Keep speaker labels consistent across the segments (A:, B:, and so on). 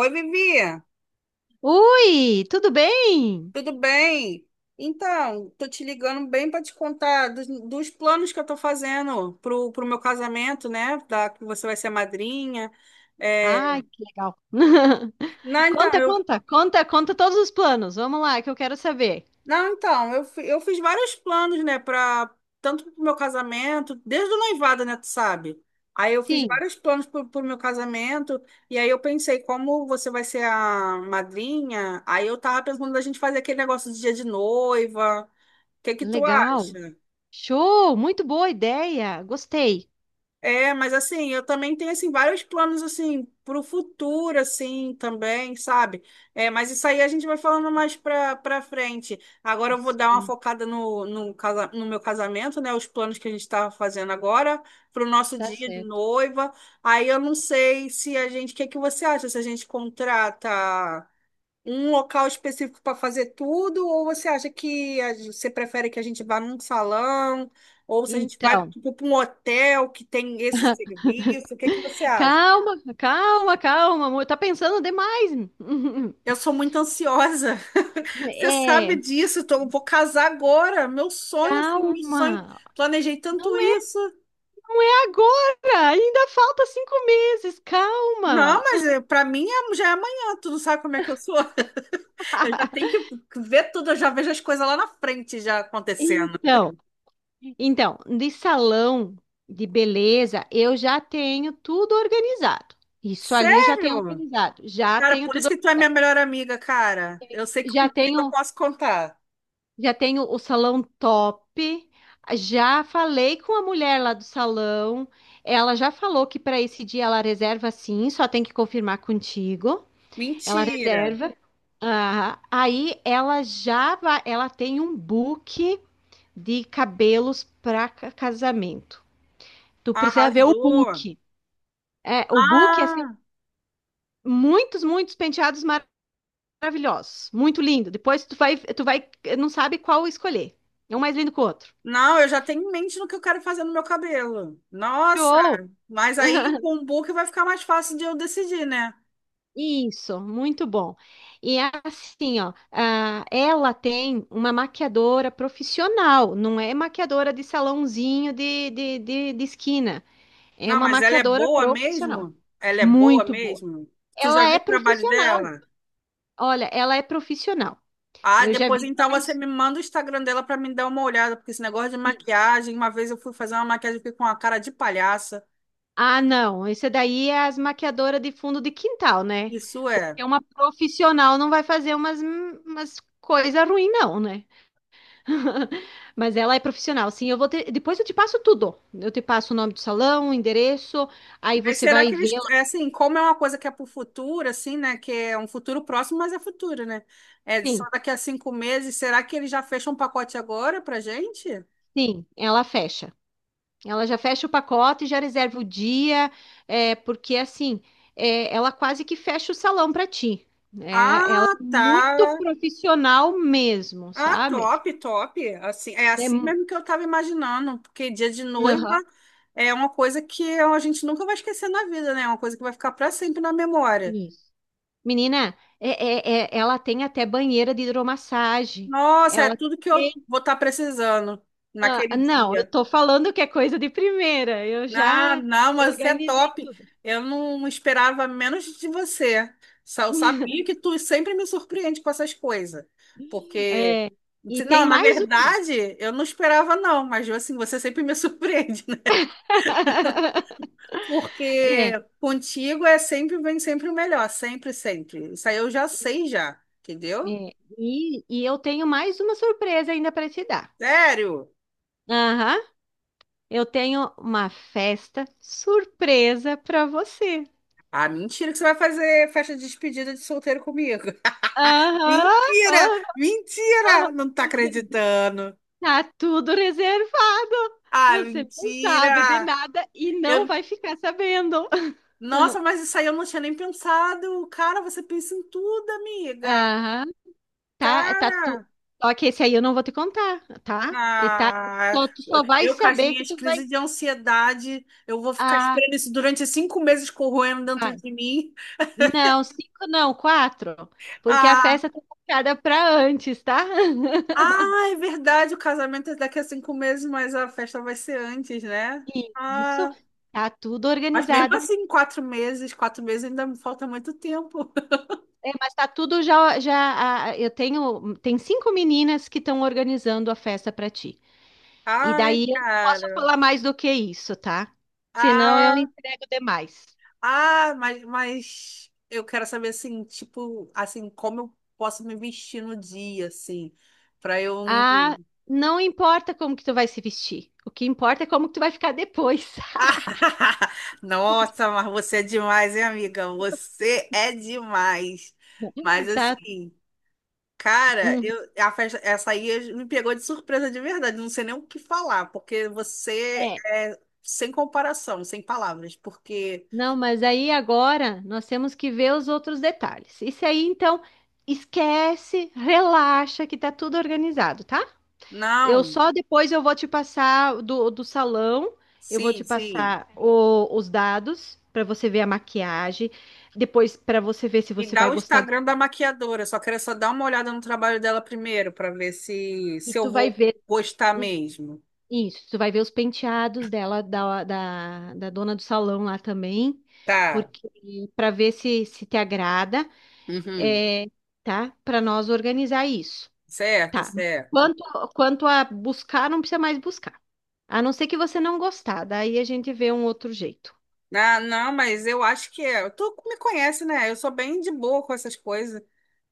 A: Oi, Vivi,
B: Ui, tudo bem?
A: tudo bem? Então, tô te ligando bem para te contar dos planos que eu tô fazendo pro meu casamento, né? Que você vai ser madrinha. É.
B: Ai, que legal.
A: Não, então,
B: Conta,
A: eu,
B: conta, conta, conta todos os planos. Vamos lá, que eu quero saber.
A: não, então, eu, fi- Eu fiz vários planos, né? Para tanto pro meu casamento, desde o noivado, né? Tu sabe? Aí eu fiz
B: Sim,
A: vários planos pro meu casamento, e aí eu pensei, como você vai ser a madrinha, aí eu tava pensando da gente fazer aquele negócio de dia de noiva. O que que tu
B: legal.
A: acha?
B: Show, muito boa ideia. Gostei.
A: É, mas assim, eu também tenho assim vários planos assim para o futuro assim também, sabe? É, mas isso aí a gente vai falando mais para frente. Agora eu vou dar uma
B: Sim,
A: focada no no meu casamento, né? Os planos que a gente está fazendo agora para o nosso
B: tá
A: dia de
B: certo.
A: noiva. Aí eu não sei se a gente, o que que você acha? Se a gente contrata um local específico para fazer tudo, ou você acha que você prefere que a gente vá num salão, ou se a gente vai
B: Então,
A: tipo, para um hotel que tem esse serviço? O que que você acha?
B: calma, calma, calma, amor. Tá pensando demais.
A: Eu sou muito ansiosa, você sabe
B: É,
A: disso. Eu vou casar agora, meu sonho, assim, meu sonho.
B: calma.
A: Planejei tanto
B: Não é
A: isso.
B: agora. Ainda falta 5 meses.
A: Não,
B: Calma.
A: mas para mim já é amanhã, tu não sabe como é que eu sou. Eu já tenho que ver tudo, eu já vejo as coisas lá na frente já acontecendo.
B: Então, Então, de salão de beleza, eu já tenho tudo organizado. Isso ali eu já tenho
A: Sério?
B: organizado. Já
A: Cara,
B: tenho
A: por isso
B: tudo,
A: que tu é minha melhor amiga, cara. Eu sei que
B: já
A: contigo eu
B: tenho,
A: posso contar.
B: já tenho o salão top. Já falei com a mulher lá do salão. Ela já falou que para esse dia ela reserva sim, só tem que confirmar contigo. Ela
A: Mentira.
B: reserva. Ah, aí ela já vai, ela tem um book de cabelos para casamento. Tu precisa ver o
A: Arrasou.
B: book. É, o book é assim,
A: Ah,
B: muitos, muitos penteados maravilhosos, muito lindo. Depois tu vai, não sabe qual escolher. É um mais lindo que o outro.
A: não, eu já tenho em mente no que eu quero fazer no meu cabelo. Nossa,
B: Show!
A: mas aí com o book vai ficar mais fácil de eu decidir, né?
B: Isso, muito bom. E é assim, ó, ela tem uma maquiadora profissional, não é maquiadora de salãozinho de esquina. É
A: Não,
B: uma
A: mas ela é
B: maquiadora
A: boa
B: profissional.
A: mesmo? Ela é boa
B: Muito boa.
A: mesmo? Tu já
B: Ela
A: viu
B: é
A: o trabalho
B: profissional.
A: dela?
B: Olha, ela é profissional.
A: Ah,
B: Eu já
A: depois
B: vi
A: então você
B: vários.
A: me manda o Instagram dela pra me dar uma olhada, porque esse negócio de maquiagem, uma vez eu fui fazer uma maquiagem e fiquei com uma cara de palhaça.
B: Ah, não. Esse daí é as maquiadoras de fundo de quintal, né?
A: Isso é.
B: Porque uma profissional não vai fazer umas coisas ruins, não, né? Mas ela é profissional, sim. Depois eu te passo tudo. Eu te passo o nome do salão, o endereço, aí
A: Mas
B: você
A: será
B: vai
A: que
B: ver
A: eles, é
B: lá.
A: assim, como é uma coisa que é para o futuro, assim, né? Que é um futuro próximo, mas é futuro, né? É só
B: Sim,
A: daqui a 5 meses. Será que eles já fecham um pacote agora pra gente?
B: sim, ela fecha. Ela já fecha o pacote, já reserva o dia, é, porque assim, é, ela quase que fecha o salão para ti. É, ela
A: Ah,
B: é muito
A: tá.
B: profissional mesmo,
A: Ah,
B: sabe?
A: top, top. Assim, é
B: É.
A: assim mesmo que eu estava imaginando, porque dia de noiva
B: Aham,
A: é uma coisa que a gente nunca vai esquecer na vida, né? É uma coisa que vai ficar para sempre na memória.
B: isso. Menina, ela tem até banheira de hidromassagem.
A: Nossa, é
B: Ela
A: tudo que eu
B: tem.
A: vou estar precisando
B: Ah,
A: naquele
B: não, eu
A: dia.
B: tô falando que é coisa de primeira. Eu
A: Não
B: já
A: não, mas você é
B: organizei
A: top.
B: tudo.
A: Eu não esperava menos de você. Só eu sabia que tu sempre me surpreende com essas coisas. Porque,
B: É, e tem
A: não, na
B: mais uma.
A: verdade, eu não esperava, não, mas assim, você sempre me surpreende, né? Porque
B: É,
A: contigo é sempre, vem sempre o melhor, sempre, sempre. Isso aí eu já sei já, entendeu?
B: é, e eu tenho mais uma surpresa ainda para te dar.
A: Sério?
B: Aham, eu tenho uma festa surpresa para você.
A: Ah, mentira que você vai fazer festa de despedida de solteiro comigo.
B: Aham,
A: Mentira!
B: aham.
A: Mentira! Não tá acreditando.
B: Tá tudo reservado.
A: Ah,
B: Você não sabe de
A: mentira!
B: nada e não
A: Eu...
B: vai ficar sabendo.
A: Nossa, mas isso aí eu não tinha nem pensado. Cara, você pensa em tudo, amiga.
B: Aham, tá, tá.
A: Cara,
B: Só que esse aí eu não vou te contar, tá? E tá,
A: ah,
B: só, tu só vai
A: eu com as
B: saber que
A: minhas
B: tu vai.
A: crises de ansiedade, eu vou ficar
B: Ah,
A: esperando isso durante 5 meses corroendo dentro
B: vai.
A: de mim.
B: Não, cinco não, quatro. Porque a
A: Ah,
B: festa tá marcada pra antes, tá?
A: ah, é verdade, o casamento é daqui a 5 meses, mas a festa vai ser antes, né?
B: Isso,
A: Ah,
B: tá tudo
A: mas mesmo
B: organizada.
A: assim, 4 meses, 4 meses ainda me falta muito tempo.
B: É, mas tá tudo já, já. Ah, eu tenho, tem cinco meninas que estão organizando a festa pra ti. E
A: Ai,
B: daí eu não posso
A: cara.
B: falar mais do que isso, tá? Senão eu
A: Ah.
B: entrego demais.
A: Ah, mas eu quero saber assim, tipo, assim, como eu posso me vestir no dia, assim, pra eu.
B: Ah, não importa como que tu vai se vestir. O que importa é como que tu vai ficar depois,
A: Ah. Nossa, mas você é demais, hein, amiga? Você é demais. Mas
B: tá?
A: assim, cara,
B: Hum,
A: eu, a festa, essa aí me pegou de surpresa de verdade. Não sei nem o que falar, porque você
B: é.
A: é sem comparação, sem palavras, porque.
B: Não, mas aí agora nós temos que ver os outros detalhes. Isso aí, então, esquece, relaxa que tá tudo organizado, tá? Eu
A: Não,
B: só depois eu vou te passar do salão, eu vou
A: sim,
B: te
A: sim.
B: passar os dados para você ver a maquiagem, depois para você ver se
A: Me
B: você
A: dá
B: vai
A: o
B: gostar.
A: Instagram da maquiadora. Só quero só dar uma olhada no trabalho dela primeiro para ver se
B: E
A: se eu
B: tu vai
A: vou
B: ver
A: gostar mesmo.
B: isso, tu vai ver os penteados dela, da dona do salão lá também,
A: Tá.
B: porque para ver se te agrada,
A: Uhum.
B: é, tá? Para nós organizar isso,
A: Certo,
B: tá?
A: certo.
B: Quanto a buscar, não precisa mais buscar. A não ser que você não gostar, daí a gente vê um outro jeito.
A: Ah, não, mas eu acho que é. Tu me conhece, né? Eu sou bem de boa com essas coisas.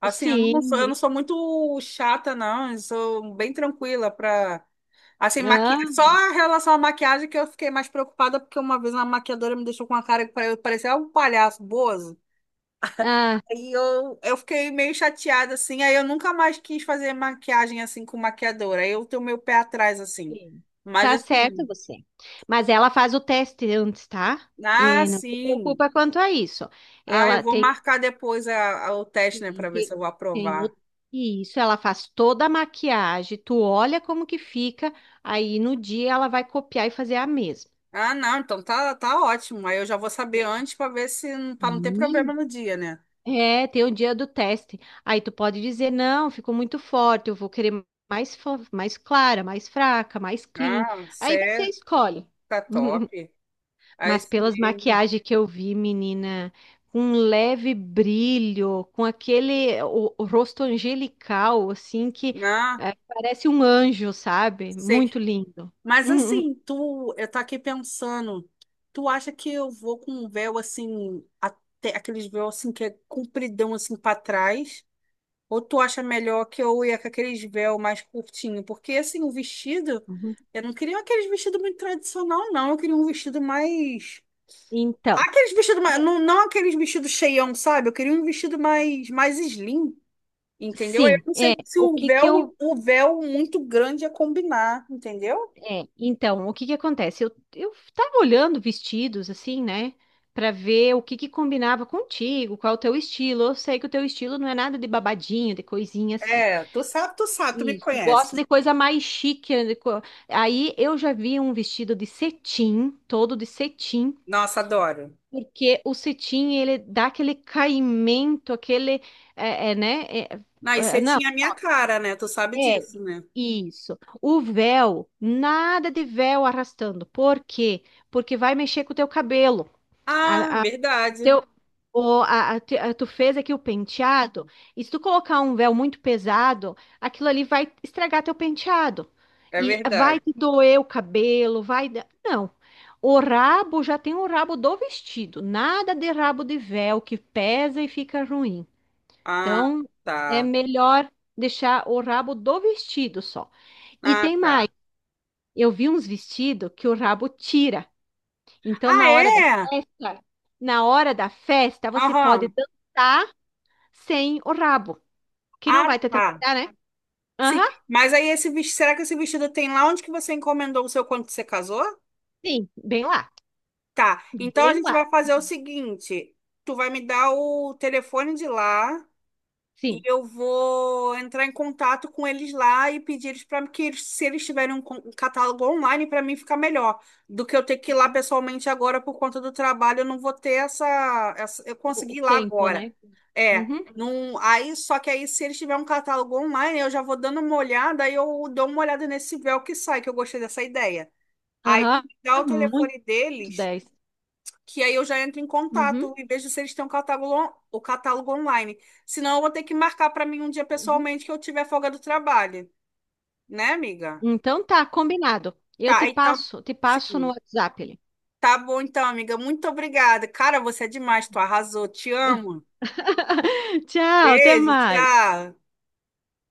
A: Assim,
B: Sim.
A: eu não sou muito chata, não. Eu sou bem tranquila pra. Assim, maqui...
B: Ah,
A: só em relação à maquiagem que eu fiquei mais preocupada, porque uma vez uma maquiadora me deixou com uma cara que parecia um palhaço, bozo.
B: ah,
A: Eu fiquei meio chateada, assim, aí eu nunca mais quis fazer maquiagem, assim, com maquiadora. Aí eu tenho meu pé atrás, assim.
B: sim.
A: Mas,
B: Tá certo
A: assim,
B: você. Mas ela faz o teste antes, tá?
A: ah,
B: É, não se
A: sim.
B: preocupa quanto a isso.
A: Ah, eu
B: Ela
A: vou marcar depois o teste, né,
B: tem,
A: pra ver se eu
B: tem,
A: vou
B: tem,
A: aprovar.
B: isso, ela faz toda a maquiagem, tu olha como que fica, aí no dia ela vai copiar e fazer a mesma.
A: Ah, não, então tá, tá ótimo. Aí eu já vou saber antes pra ver se, pra não ter problema
B: Hum.
A: no dia, né?
B: É, tem o dia do teste. Aí tu pode dizer, não, ficou muito forte, eu vou querer mais, mais clara, mais fraca, mais clean.
A: Ah,
B: Aí você
A: certo,
B: escolhe.
A: tá top. Aí
B: Mas
A: sim
B: pelas
A: mesmo.
B: maquiagens que eu vi, menina, com um leve brilho, com aquele o rosto angelical, assim, que
A: Ah,
B: parece um anjo, sabe?
A: sei.
B: Muito lindo.
A: Mas assim, tu, eu tô aqui pensando, tu acha que eu vou com um véu assim, até aqueles véu assim que é compridão assim pra trás? Ou tu acha melhor que eu ia com aqueles véu mais curtinho? Porque assim, o vestido,
B: Uhum.
A: eu não queria aqueles vestidos muito tradicional, não. Eu queria um vestido mais.
B: Então,
A: Aqueles vestidos mais. Não, não aqueles vestidos cheião, sabe? Eu queria um vestido mais, mais slim, entendeu? Eu
B: sim,
A: não sei
B: é,
A: se
B: o
A: o
B: que que
A: véu,
B: eu
A: o véu muito grande ia combinar, entendeu?
B: É, então, o que que acontece? Eu tava olhando vestidos, assim, né? Pra ver o que que combinava contigo, qual o teu estilo. Eu sei que o teu estilo não é nada de babadinho, de coisinha assim.
A: É, tu sabe, tu sabe, tu me
B: Isso, tu gosta
A: conhece.
B: de coisa mais chique, né? Aí eu já vi um vestido de cetim, todo de cetim,
A: Nossa, adoro.
B: porque o cetim, ele dá aquele caimento, aquele, né?
A: Ah, e você
B: Não,
A: tinha a minha cara, né? Tu sabe
B: é,
A: disso, né?
B: isso. O véu, nada de véu arrastando. Por quê? Porque vai mexer com o teu cabelo.
A: Ah,
B: A-
A: verdade.
B: teu, o, a- Tu fez aqui o penteado, e se tu colocar um véu muito pesado, aquilo ali vai estragar teu penteado.
A: É
B: E
A: verdade.
B: vai te doer o cabelo. Não. O rabo já tem o rabo do vestido. Nada de rabo de véu que pesa e fica ruim.
A: Ah,
B: Então, é
A: tá.
B: melhor deixar o rabo do vestido só. E
A: Ah,
B: tem mais,
A: tá.
B: eu vi uns vestidos que o rabo tira. Então,
A: Ah, é?
B: festa, na hora da festa, você pode
A: Aham.
B: dançar sem o rabo, que não
A: Ah,
B: vai te
A: tá.
B: atrapalhar, né?
A: Sim.
B: Aham,
A: Mas aí esse vestido, será que esse vestido tem lá onde que você encomendou o seu quando você casou?
B: sim,
A: Tá. Então a
B: bem
A: gente
B: lá,
A: vai fazer o seguinte, tu vai me dar o telefone de lá. E
B: sim.
A: eu vou entrar em contato com eles lá e pedir eles para que eles, se eles tiverem um catálogo online, para mim ficar melhor do que eu ter que ir lá pessoalmente agora por conta do trabalho. Eu não vou ter essa, essa eu
B: O
A: consegui ir lá
B: tempo,
A: agora.
B: né?
A: É,
B: Uhum,
A: não, aí só que aí se eles tiverem um catálogo online, eu já vou dando uma olhada, aí eu dou uma olhada nesse véu que sai, que eu gostei dessa ideia. Aí tu
B: aham,
A: me dá o
B: muito
A: telefone deles
B: 10.
A: que aí eu já entro em
B: Uhum,
A: contato, em vez de se eles têm um catálogo, o catálogo online. Senão eu vou ter que marcar para mim um dia
B: uhum.
A: pessoalmente que eu tiver folga do trabalho, né, amiga?
B: Então tá, combinado. Eu te
A: Tá, então,
B: passo, te passo no
A: sim.
B: WhatsApp ali.
A: Tá bom então, amiga. Muito obrigada. Cara, você é demais, tu arrasou. Te amo.
B: Tchau, até
A: Beijo,
B: mais.
A: tchau.